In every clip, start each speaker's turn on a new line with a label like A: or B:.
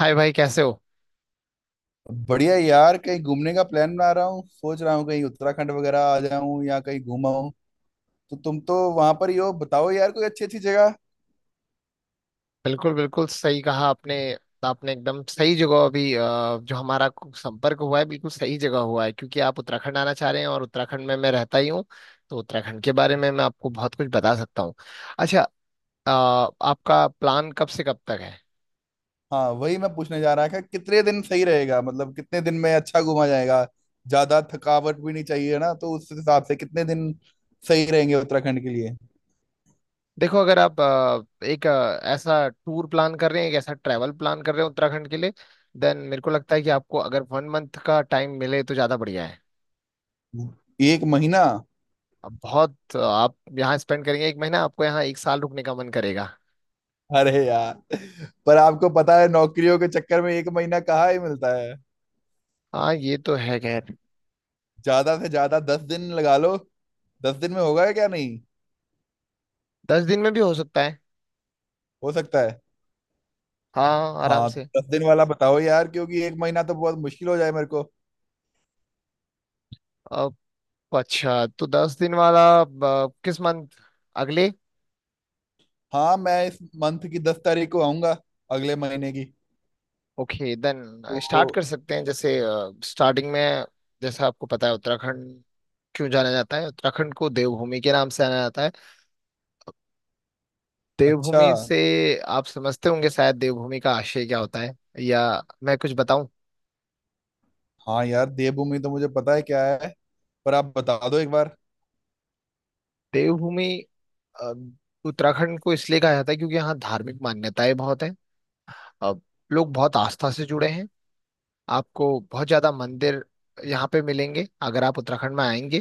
A: हाय भाई, कैसे हो।
B: बढ़िया यार। कहीं घूमने का प्लान बना रहा हूँ। सोच रहा हूँ कहीं उत्तराखंड वगैरह आ जाऊं या कहीं घूमा हूँ। तो तुम तो वहां पर ही हो, बताओ यार कोई अच्छी अच्छी जगह।
A: बिल्कुल बिल्कुल सही कहा आपने। आपने एकदम सही जगह अभी जो हमारा संपर्क हुआ है, बिल्कुल सही जगह हुआ है, क्योंकि आप उत्तराखंड आना चाह रहे हैं और उत्तराखंड में मैं रहता ही हूँ। तो उत्तराखंड के बारे में मैं आपको बहुत कुछ बता सकता हूँ। अच्छा। अ, आपका प्लान कब से कब तक है।
B: हाँ, वही मैं पूछने जा रहा था। कितने दिन सही रहेगा, मतलब कितने दिन में अच्छा घूमा जाएगा। ज्यादा थकावट भी नहीं चाहिए ना, तो उस हिसाब से कितने दिन सही रहेंगे उत्तराखंड के लिए।
A: देखो, अगर आप एक ऐसा टूर प्लान कर रहे हैं, एक ऐसा ट्रैवल प्लान कर रहे हैं उत्तराखंड के लिए, देन मेरे को लगता है कि आपको अगर वन मंथ का टाइम मिले तो ज़्यादा बढ़िया है।
B: एक महीना?
A: अब बहुत आप यहाँ स्पेंड करेंगे, एक महीना आपको यहाँ, एक साल रुकने का मन करेगा।
B: अरे यार, पर आपको पता है नौकरियों के चक्कर में एक महीना कहाँ ही मिलता है।
A: हाँ, ये तो है, खैर।
B: ज्यादा से ज्यादा 10 दिन लगा लो। 10 दिन में होगा क्या, नहीं
A: दस दिन में भी हो सकता है।
B: हो सकता है?
A: हाँ, आराम
B: हाँ।
A: से।
B: 10 दिन वाला बताओ यार, क्योंकि एक महीना तो बहुत मुश्किल हो जाए मेरे को।
A: अब, अच्छा तो 10 दिन वाला किस मंथ, अगले।
B: हाँ, मैं इस मंथ की 10 तारीख को आऊंगा, अगले महीने की।
A: ओके देन,
B: तो।
A: स्टार्ट कर सकते हैं। जैसे स्टार्टिंग में, जैसा आपको पता है, उत्तराखंड क्यों जाना जाता है, उत्तराखंड को देवभूमि के नाम से जाना जाता है।
B: अच्छा।
A: देवभूमि से आप समझते होंगे शायद देवभूमि का आशय क्या होता है, या मैं कुछ बताऊं।
B: हाँ यार, देवभूमि तो मुझे पता है क्या है, पर आप बता दो एक बार।
A: देवभूमि अ, उत्तराखंड को इसलिए कहा जाता है क्योंकि यहाँ धार्मिक मान्यताएं बहुत हैं। अब, लोग बहुत आस्था से जुड़े हैं। आपको बहुत ज्यादा मंदिर यहाँ पे मिलेंगे अगर आप उत्तराखंड में आएंगे।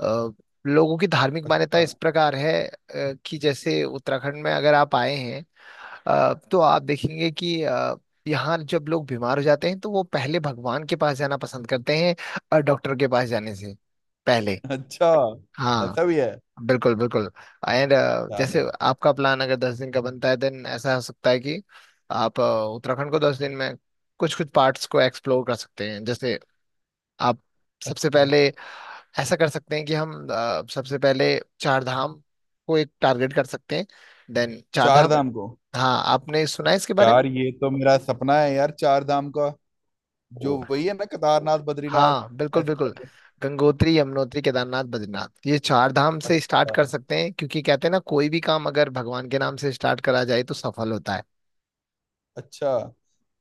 A: अ, लोगों की धार्मिक मान्यता
B: अच्छा।
A: इस प्रकार है कि जैसे उत्तराखंड में अगर आप आए हैं, तो आप देखेंगे कि यहाँ जब लोग बीमार हो जाते हैं तो वो पहले भगवान के पास जाना पसंद करते हैं, डॉक्टर के पास जाने से पहले।
B: अच्छा।
A: हाँ।
B: ऐसा भी है?
A: बिल्कुल बिल्कुल। एंड
B: क्या
A: जैसे
B: बात।
A: आपका प्लान अगर 10 दिन का बनता है, देन ऐसा हो सकता है कि आप उत्तराखंड को 10 दिन में कुछ कुछ पार्ट्स को एक्सप्लोर कर सकते हैं। जैसे आप सबसे
B: अच्छा।
A: पहले ऐसा कर सकते हैं कि हम सबसे पहले चार धाम को एक टारगेट कर सकते हैं। देन चार
B: चार
A: धाम,
B: धाम को?
A: हाँ आपने सुना है इसके बारे में।
B: यार ये तो मेरा सपना है यार, चार धाम का। जो
A: ओ,
B: वही है ना, केदारनाथ बद्रीनाथ
A: हाँ बिल्कुल
B: ऐसे
A: बिल्कुल।
B: वाले।
A: गंगोत्री, यमुनोत्री, केदारनाथ, बद्रीनाथ, ये चार धाम से स्टार्ट
B: अच्छा।
A: कर सकते हैं, क्योंकि कहते हैं ना, कोई भी काम अगर भगवान के नाम से स्टार्ट करा जाए तो सफल होता है।
B: अच्छा।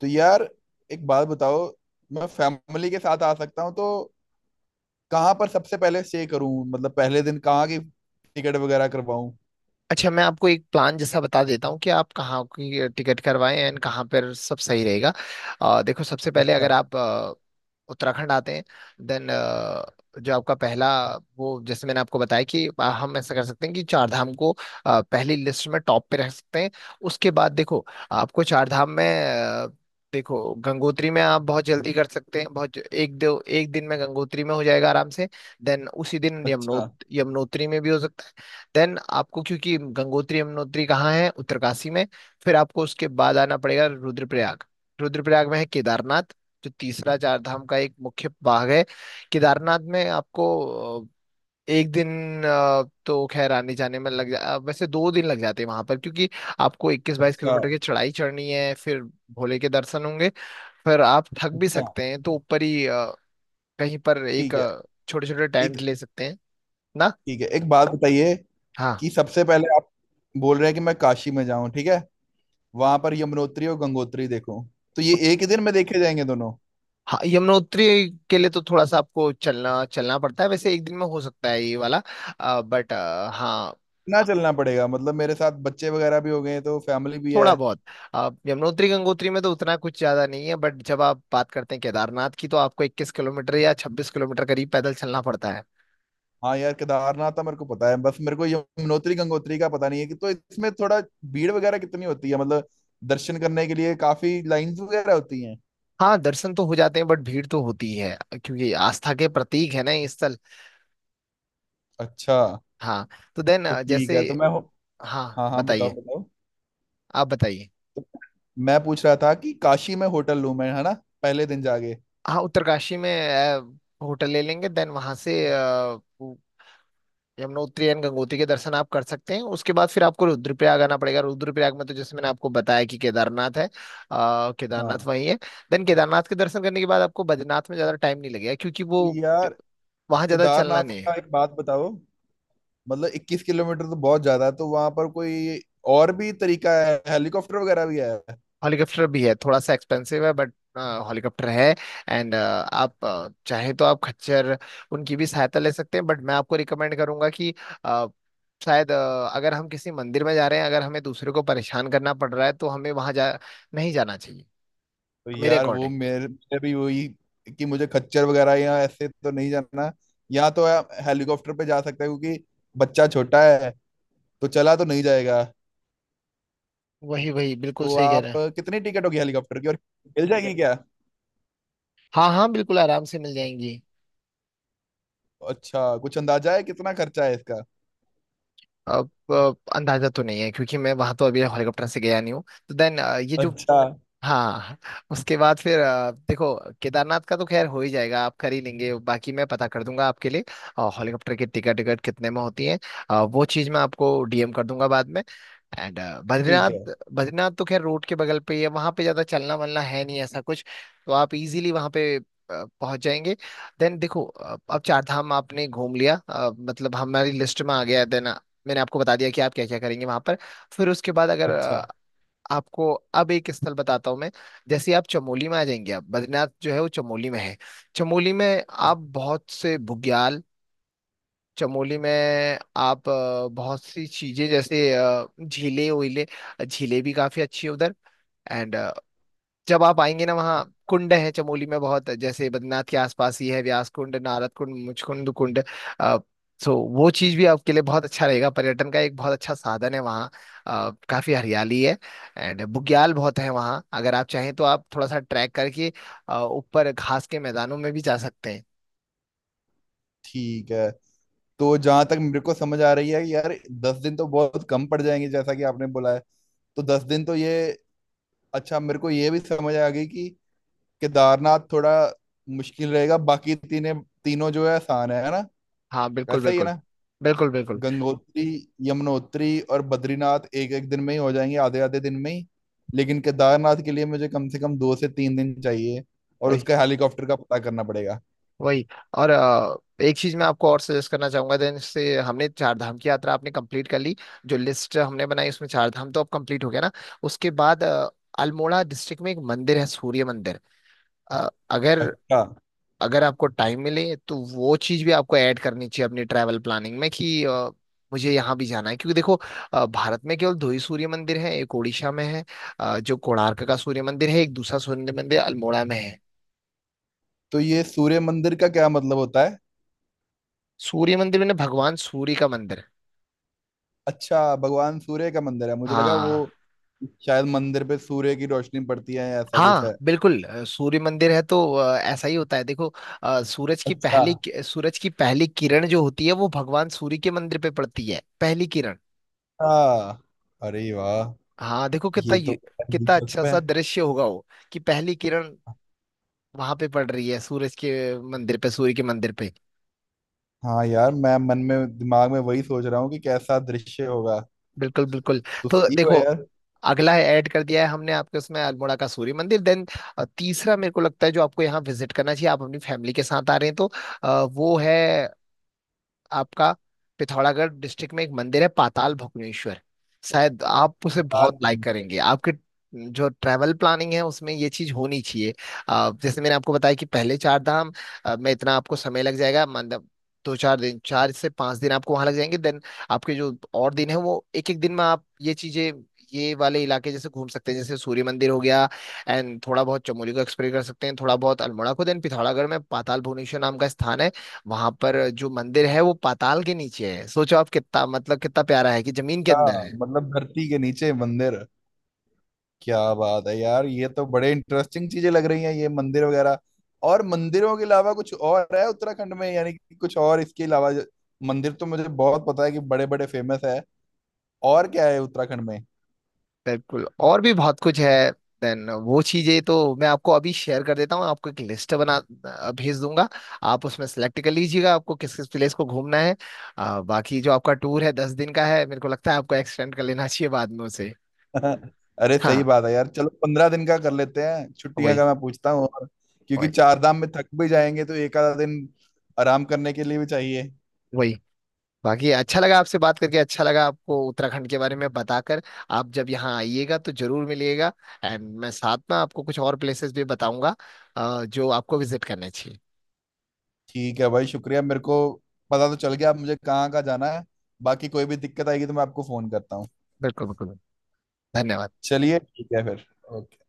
B: तो यार एक बात बताओ, मैं फैमिली के साथ आ सकता हूँ, तो कहाँ पर सबसे पहले स्टे करूँ, मतलब पहले दिन कहाँ की टिकट वगैरह करवाऊँ।
A: अच्छा, मैं आपको एक प्लान जैसा बता देता हूँ कि आप कहाँ की टिकट करवाएं एंड कहाँ पर सब सही रहेगा। देखो, सबसे पहले
B: अच्छा।
A: अगर आप उत्तराखंड आते हैं, देन जो आपका पहला वो, जैसे मैंने आपको बताया कि हम ऐसा कर सकते हैं कि चार धाम को पहली लिस्ट में टॉप पे रख सकते हैं। उसके बाद देखो, आपको चार धाम में अ, देखो, गंगोत्री में आप बहुत जल्दी कर सकते हैं, बहुत, एक दो एक दिन में गंगोत्री में हो जाएगा आराम से। देन उसी दिन
B: अच्छा।
A: यमुनोत्री में भी हो सकता है। देन आपको, क्योंकि गंगोत्री यमुनोत्री कहाँ है, उत्तरकाशी में। फिर आपको उसके बाद आना पड़ेगा रुद्रप्रयाग। रुद्रप्रयाग में है केदारनाथ, जो तीसरा चार धाम का एक मुख्य भाग है। केदारनाथ में आपको एक दिन तो खैर आने जाने में लग जा वैसे दो दिन लग जाते हैं वहां पर, क्योंकि आपको 21-22
B: अच्छा।
A: किलोमीटर की चढ़ाई चढ़नी है, फिर भोले के दर्शन होंगे। फिर आप थक भी
B: अच्छा।
A: सकते हैं तो ऊपर ही कहीं पर एक
B: ठीक है।
A: छोटे छोटे टेंट
B: एक।
A: ले सकते हैं ना।
B: ठीक है, एक बात बताइए
A: हाँ
B: कि सबसे पहले आप बोल रहे हैं कि मैं काशी में जाऊं, ठीक है। वहां पर यमुनोत्री और गंगोत्री देखूं, तो ये एक ही दिन में देखे जाएंगे दोनों?
A: हाँ। यमुनोत्री के लिए तो थोड़ा सा आपको चलना चलना पड़ता है, वैसे एक दिन में हो सकता है ये वाला। बट हाँ,
B: ना, चलना पड़ेगा मतलब मेरे साथ बच्चे वगैरह भी हो गए हैं, तो फैमिली भी है।
A: थोड़ा बहुत। यमुनोत्री गंगोत्री में तो उतना कुछ ज्यादा नहीं है, बट जब आप बात करते हैं केदारनाथ की, तो आपको 21 किलोमीटर या 26 किलोमीटर करीब पैदल चलना पड़ता है।
B: हाँ यार, केदारनाथ था मेरे को पता है बस, मेरे को यमुनोत्री गंगोत्री का पता नहीं है कि तो इसमें थोड़ा भीड़ वगैरह कितनी होती है, मतलब दर्शन करने के लिए काफी लाइंस वगैरह होती हैं।
A: हाँ, दर्शन तो हो जाते हैं, बट भीड़ तो होती है, क्योंकि आस्था के प्रतीक है ना ये स्थल।
B: अच्छा।
A: हाँ। तो देन
B: तो ठीक
A: जैसे,
B: है, तो मैं हो-
A: हाँ
B: हाँ हाँ, बताओ
A: बताइए,
B: बताओ।
A: आप बताइए।
B: तो मैं पूछ रहा था कि काशी में होटल लूं मैं, है ना, पहले दिन जाके।
A: हाँ, उत्तरकाशी में अ, होटल ले लेंगे, देन वहां से यमुनोत्री एंड गंगोत्री के दर्शन आप कर सकते हैं। उसके बाद फिर आपको रुद्रप्रयाग आना पड़ेगा। रुद्रप्रयाग में तो, जैसे मैंने आपको बताया कि केदारनाथ है, आ, केदारनाथ
B: हाँ।
A: वहीं है। देन केदारनाथ के दर्शन करने के बाद आपको बद्रीनाथ में ज्यादा टाइम नहीं लगेगा, क्योंकि वो
B: तो यार
A: वहां ज्यादा चलना
B: केदारनाथ
A: नहीं
B: का
A: है।
B: एक बात बताओ, मतलब 21 किलोमीटर तो बहुत ज्यादा है, तो वहां पर कोई और भी तरीका है, हेलीकॉप्टर वगैरह भी है?
A: हेलीकॉप्टर भी है, थोड़ा सा एक्सपेंसिव है, बट हेलीकॉप्टर है। एंड आप चाहे तो आप खच्चर, उनकी भी सहायता ले सकते हैं। बट मैं आपको रिकमेंड करूंगा कि अ, शायद अगर हम किसी मंदिर में जा रहे हैं, अगर हमें दूसरे को परेशान करना पड़ रहा है, तो हमें वहां जा नहीं जाना चाहिए,
B: तो
A: मेरे
B: यार वो
A: अकॉर्डिंग।
B: मेरे मेरे भी वही, कि मुझे खच्चर वगैरह या ऐसे तो नहीं जाना। यहाँ तो आप हेलीकॉप्टर पे जा सकते हो क्योंकि बच्चा छोटा है, तो चला तो नहीं जाएगा।
A: वही वही, बिल्कुल
B: तो
A: सही कह
B: आप
A: रहे हैं।
B: कितनी टिकट होगी हेलीकॉप्टर की, और मिल ठीक है जाएगी क्या?
A: हाँ हाँ, बिल्कुल, आराम से मिल जाएंगी।
B: अच्छा, कुछ अंदाजा है कितना खर्चा है इसका?
A: अब अंदाजा तो नहीं है, क्योंकि मैं वहां तो अभी हेलीकॉप्टर से गया नहीं हूँ। तो देन ये जो,
B: अच्छा।
A: हाँ, उसके बाद फिर देखो, केदारनाथ का तो खैर हो ही जाएगा, आप कर ही लेंगे, बाकी मैं पता कर दूंगा आपके लिए, और हेलीकॉप्टर की टिकट टिकट कितने में होती है वो चीज़ मैं आपको डीएम कर दूंगा बाद में। एंड
B: ठीक है।
A: बद्रीनाथ, बद्रीनाथ तो खैर रोड के बगल पे ही है, वहाँ पे ज़्यादा चलना वलना है नहीं ऐसा कुछ। तो आप इजीली वहाँ पे पहुंच जाएंगे। देन देखो, अब चार धाम आपने घूम लिया, मतलब हमारी लिस्ट में आ गया। देन मैंने आपको बता दिया कि आप क्या क्या करेंगे वहां पर। फिर उसके बाद अगर
B: अच्छा।
A: आपको, अब एक स्थल बताता हूँ मैं। जैसे आप चमोली में आ जाएंगे, आप बद्रीनाथ जो है वो चमोली में है। चमोली में आप बहुत से बुग्याल, चमोली में आप बहुत सी चीजें, जैसे झीलें वीलें, झीलें भी काफी अच्छी है उधर। एंड जब आप आएंगे ना, वहाँ कुंड है चमोली में बहुत, जैसे बद्रीनाथ के आसपास ही है व्यास कुंड, नारद कुंड, मुचकुंद कुंड। अ, सो वो चीज भी आपके लिए बहुत अच्छा रहेगा, पर्यटन का एक बहुत अच्छा साधन है वहाँ। काफी हरियाली है। एंड बुग्याल बहुत है वहाँ, अगर आप चाहें तो आप थोड़ा सा ट्रैक करके ऊपर घास के मैदानों में भी जा सकते हैं।
B: ठीक है। तो जहां तक मेरे को समझ आ रही है कि यार 10 दिन तो बहुत कम पड़ जाएंगे जैसा कि आपने बोला है। तो 10 दिन तो ये। अच्छा, मेरे को ये भी समझ आ गई कि केदारनाथ थोड़ा मुश्किल रहेगा, बाकी तीने तीनों जो है आसान है ना?
A: हाँ बिल्कुल
B: ऐसा ही है
A: बिल्कुल।
B: ना?
A: बिल्कुल बिल्कुल।
B: गंगोत्री, यमुनोत्री और बद्रीनाथ एक एक दिन में ही हो जाएंगे, आधे आधे दिन में ही। लेकिन केदारनाथ के लिए मुझे कम से कम 2 से 3 दिन चाहिए, और
A: वही
B: उसका हेलीकॉप्टर का पता करना पड़ेगा।
A: वही। और एक चीज मैं आपको और सजेस्ट करना चाहूंगा, देन से हमने चार धाम की यात्रा आपने कंप्लीट कर ली, जो लिस्ट हमने बनाई उसमें चार धाम तो अब कंप्लीट हो गया ना। उसके बाद अल्मोड़ा डिस्ट्रिक्ट में एक मंदिर है सूर्य मंदिर। अगर
B: अच्छा।
A: अगर आपको टाइम मिले तो वो चीज भी आपको ऐड करनी चाहिए अपनी ट्रैवल प्लानिंग में कि मुझे यहाँ भी जाना है, क्योंकि देखो, भारत में केवल दो ही सूर्य मंदिर है, एक उड़ीसा में है, जो कोणार्क का सूर्य मंदिर है, एक दूसरा सूर्य मंदिर अल्मोड़ा में है।
B: तो ये सूर्य मंदिर का क्या मतलब होता है?
A: सूर्य मंदिर मैंने, भगवान सूर्य का मंदिर है।
B: अच्छा, भगवान सूर्य का मंदिर है, मुझे लगा वो
A: हाँ
B: शायद मंदिर पे सूर्य की रोशनी पड़ती है या ऐसा कुछ
A: हाँ,
B: है।
A: बिल्कुल। सूर्य मंदिर है तो ऐसा ही होता है। देखो, सूरज की
B: अच्छा।
A: पहली सूरज की पहली किरण जो होती है वो भगवान सूर्य के मंदिर पे पड़ती है, पहली किरण।
B: हाँ। अरे वाह।
A: हाँ, देखो कितना
B: ये तो
A: कितना अच्छा
B: दिलचस्प है।
A: सा दृश्य होगा वो, कि पहली किरण वहां पे पड़ रही है सूरज के मंदिर पे, सूर्य के मंदिर पे।
B: हाँ यार, मैं मन में दिमाग में वही सोच रहा हूँ कि कैसा दृश्य होगा।
A: बिल्कुल बिल्कुल।
B: तो
A: तो
B: सही हो
A: देखो,
B: यार।
A: अगला है, ऐड कर दिया है हमने आपके उसमें अल्मोड़ा का सूर्य मंदिर। देन तीसरा, मेरे को लगता है जो आपको यहाँ विजिट करना चाहिए, आप अपनी फैमिली के साथ आ रहे हैं तो वो है आपका पिथौरागढ़ डिस्ट्रिक्ट में एक मंदिर है, पाताल भुवनेश्वर। शायद आप उसे
B: चार
A: बहुत लाइक
B: दिन
A: करेंगे। आपके जो ट्रैवल प्लानिंग है उसमें ये चीज होनी चाहिए। जैसे मैंने आपको बताया कि पहले चार धाम में इतना आपको समय लग जाएगा, मतलब दो चार दिन, चार से पांच दिन आपको वहां लग जाएंगे। देन आपके जो और दिन है वो एक एक दिन में आप ये चीजें, ये वाले इलाके जैसे घूम सकते हैं। जैसे सूर्य मंदिर हो गया, एंड थोड़ा बहुत चमोली को एक्सप्लोर कर सकते हैं, थोड़ा बहुत अल्मोड़ा को। देन पिथौरागढ़ में पाताल भुवनेश्वर नाम का स्थान है, वहां पर जो मंदिर है वो पाताल के नीचे है। सोचो आप कितना, मतलब कितना प्यारा है कि जमीन के अंदर
B: का?
A: है।
B: मतलब धरती के नीचे मंदिर? क्या बात है यार, ये तो बड़े इंटरेस्टिंग चीजें लग रही हैं ये मंदिर वगैरह। और मंदिरों के अलावा कुछ और है उत्तराखंड में, यानी कि कुछ और इसके अलावा जो- मंदिर तो मुझे बहुत पता है कि बड़े बड़े फेमस है। और क्या है उत्तराखंड में?
A: बिल्कुल, और भी बहुत कुछ है। देन वो चीजें तो मैं आपको अभी शेयर कर देता हूँ, आपको एक लिस्ट बना भेज दूंगा। आप उसमें सेलेक्ट कर लीजिएगा आपको किस किस प्लेस को घूमना है। बाकी जो आपका टूर है 10 दिन का है, मेरे को लगता है आपको एक्सटेंड कर लेना चाहिए बाद में उसे।
B: अरे सही
A: हाँ,
B: बात है यार, चलो 15 दिन का कर लेते हैं, छुट्टियां
A: वही
B: का मैं पूछता हूँ और, क्योंकि
A: वही
B: चार धाम में थक भी जाएंगे तो एक आधा दिन आराम करने के लिए भी चाहिए।
A: वही। बाकी अच्छा लगा आपसे बात करके, अच्छा लगा आपको उत्तराखंड के बारे में बताकर। आप जब यहाँ आइएगा तो जरूर मिलिएगा। एंड मैं साथ में आपको कुछ और प्लेसेस भी बताऊंगा जो आपको विजिट करने चाहिए।
B: ठीक है भाई, शुक्रिया। मेरे को पता तो चल गया अब मुझे कहाँ कहाँ जाना है। बाकी कोई भी दिक्कत आएगी तो मैं आपको फोन करता हूँ।
A: बिल्कुल बिल्कुल। धन्यवाद।
B: चलिए ठीक है फिर। ओके।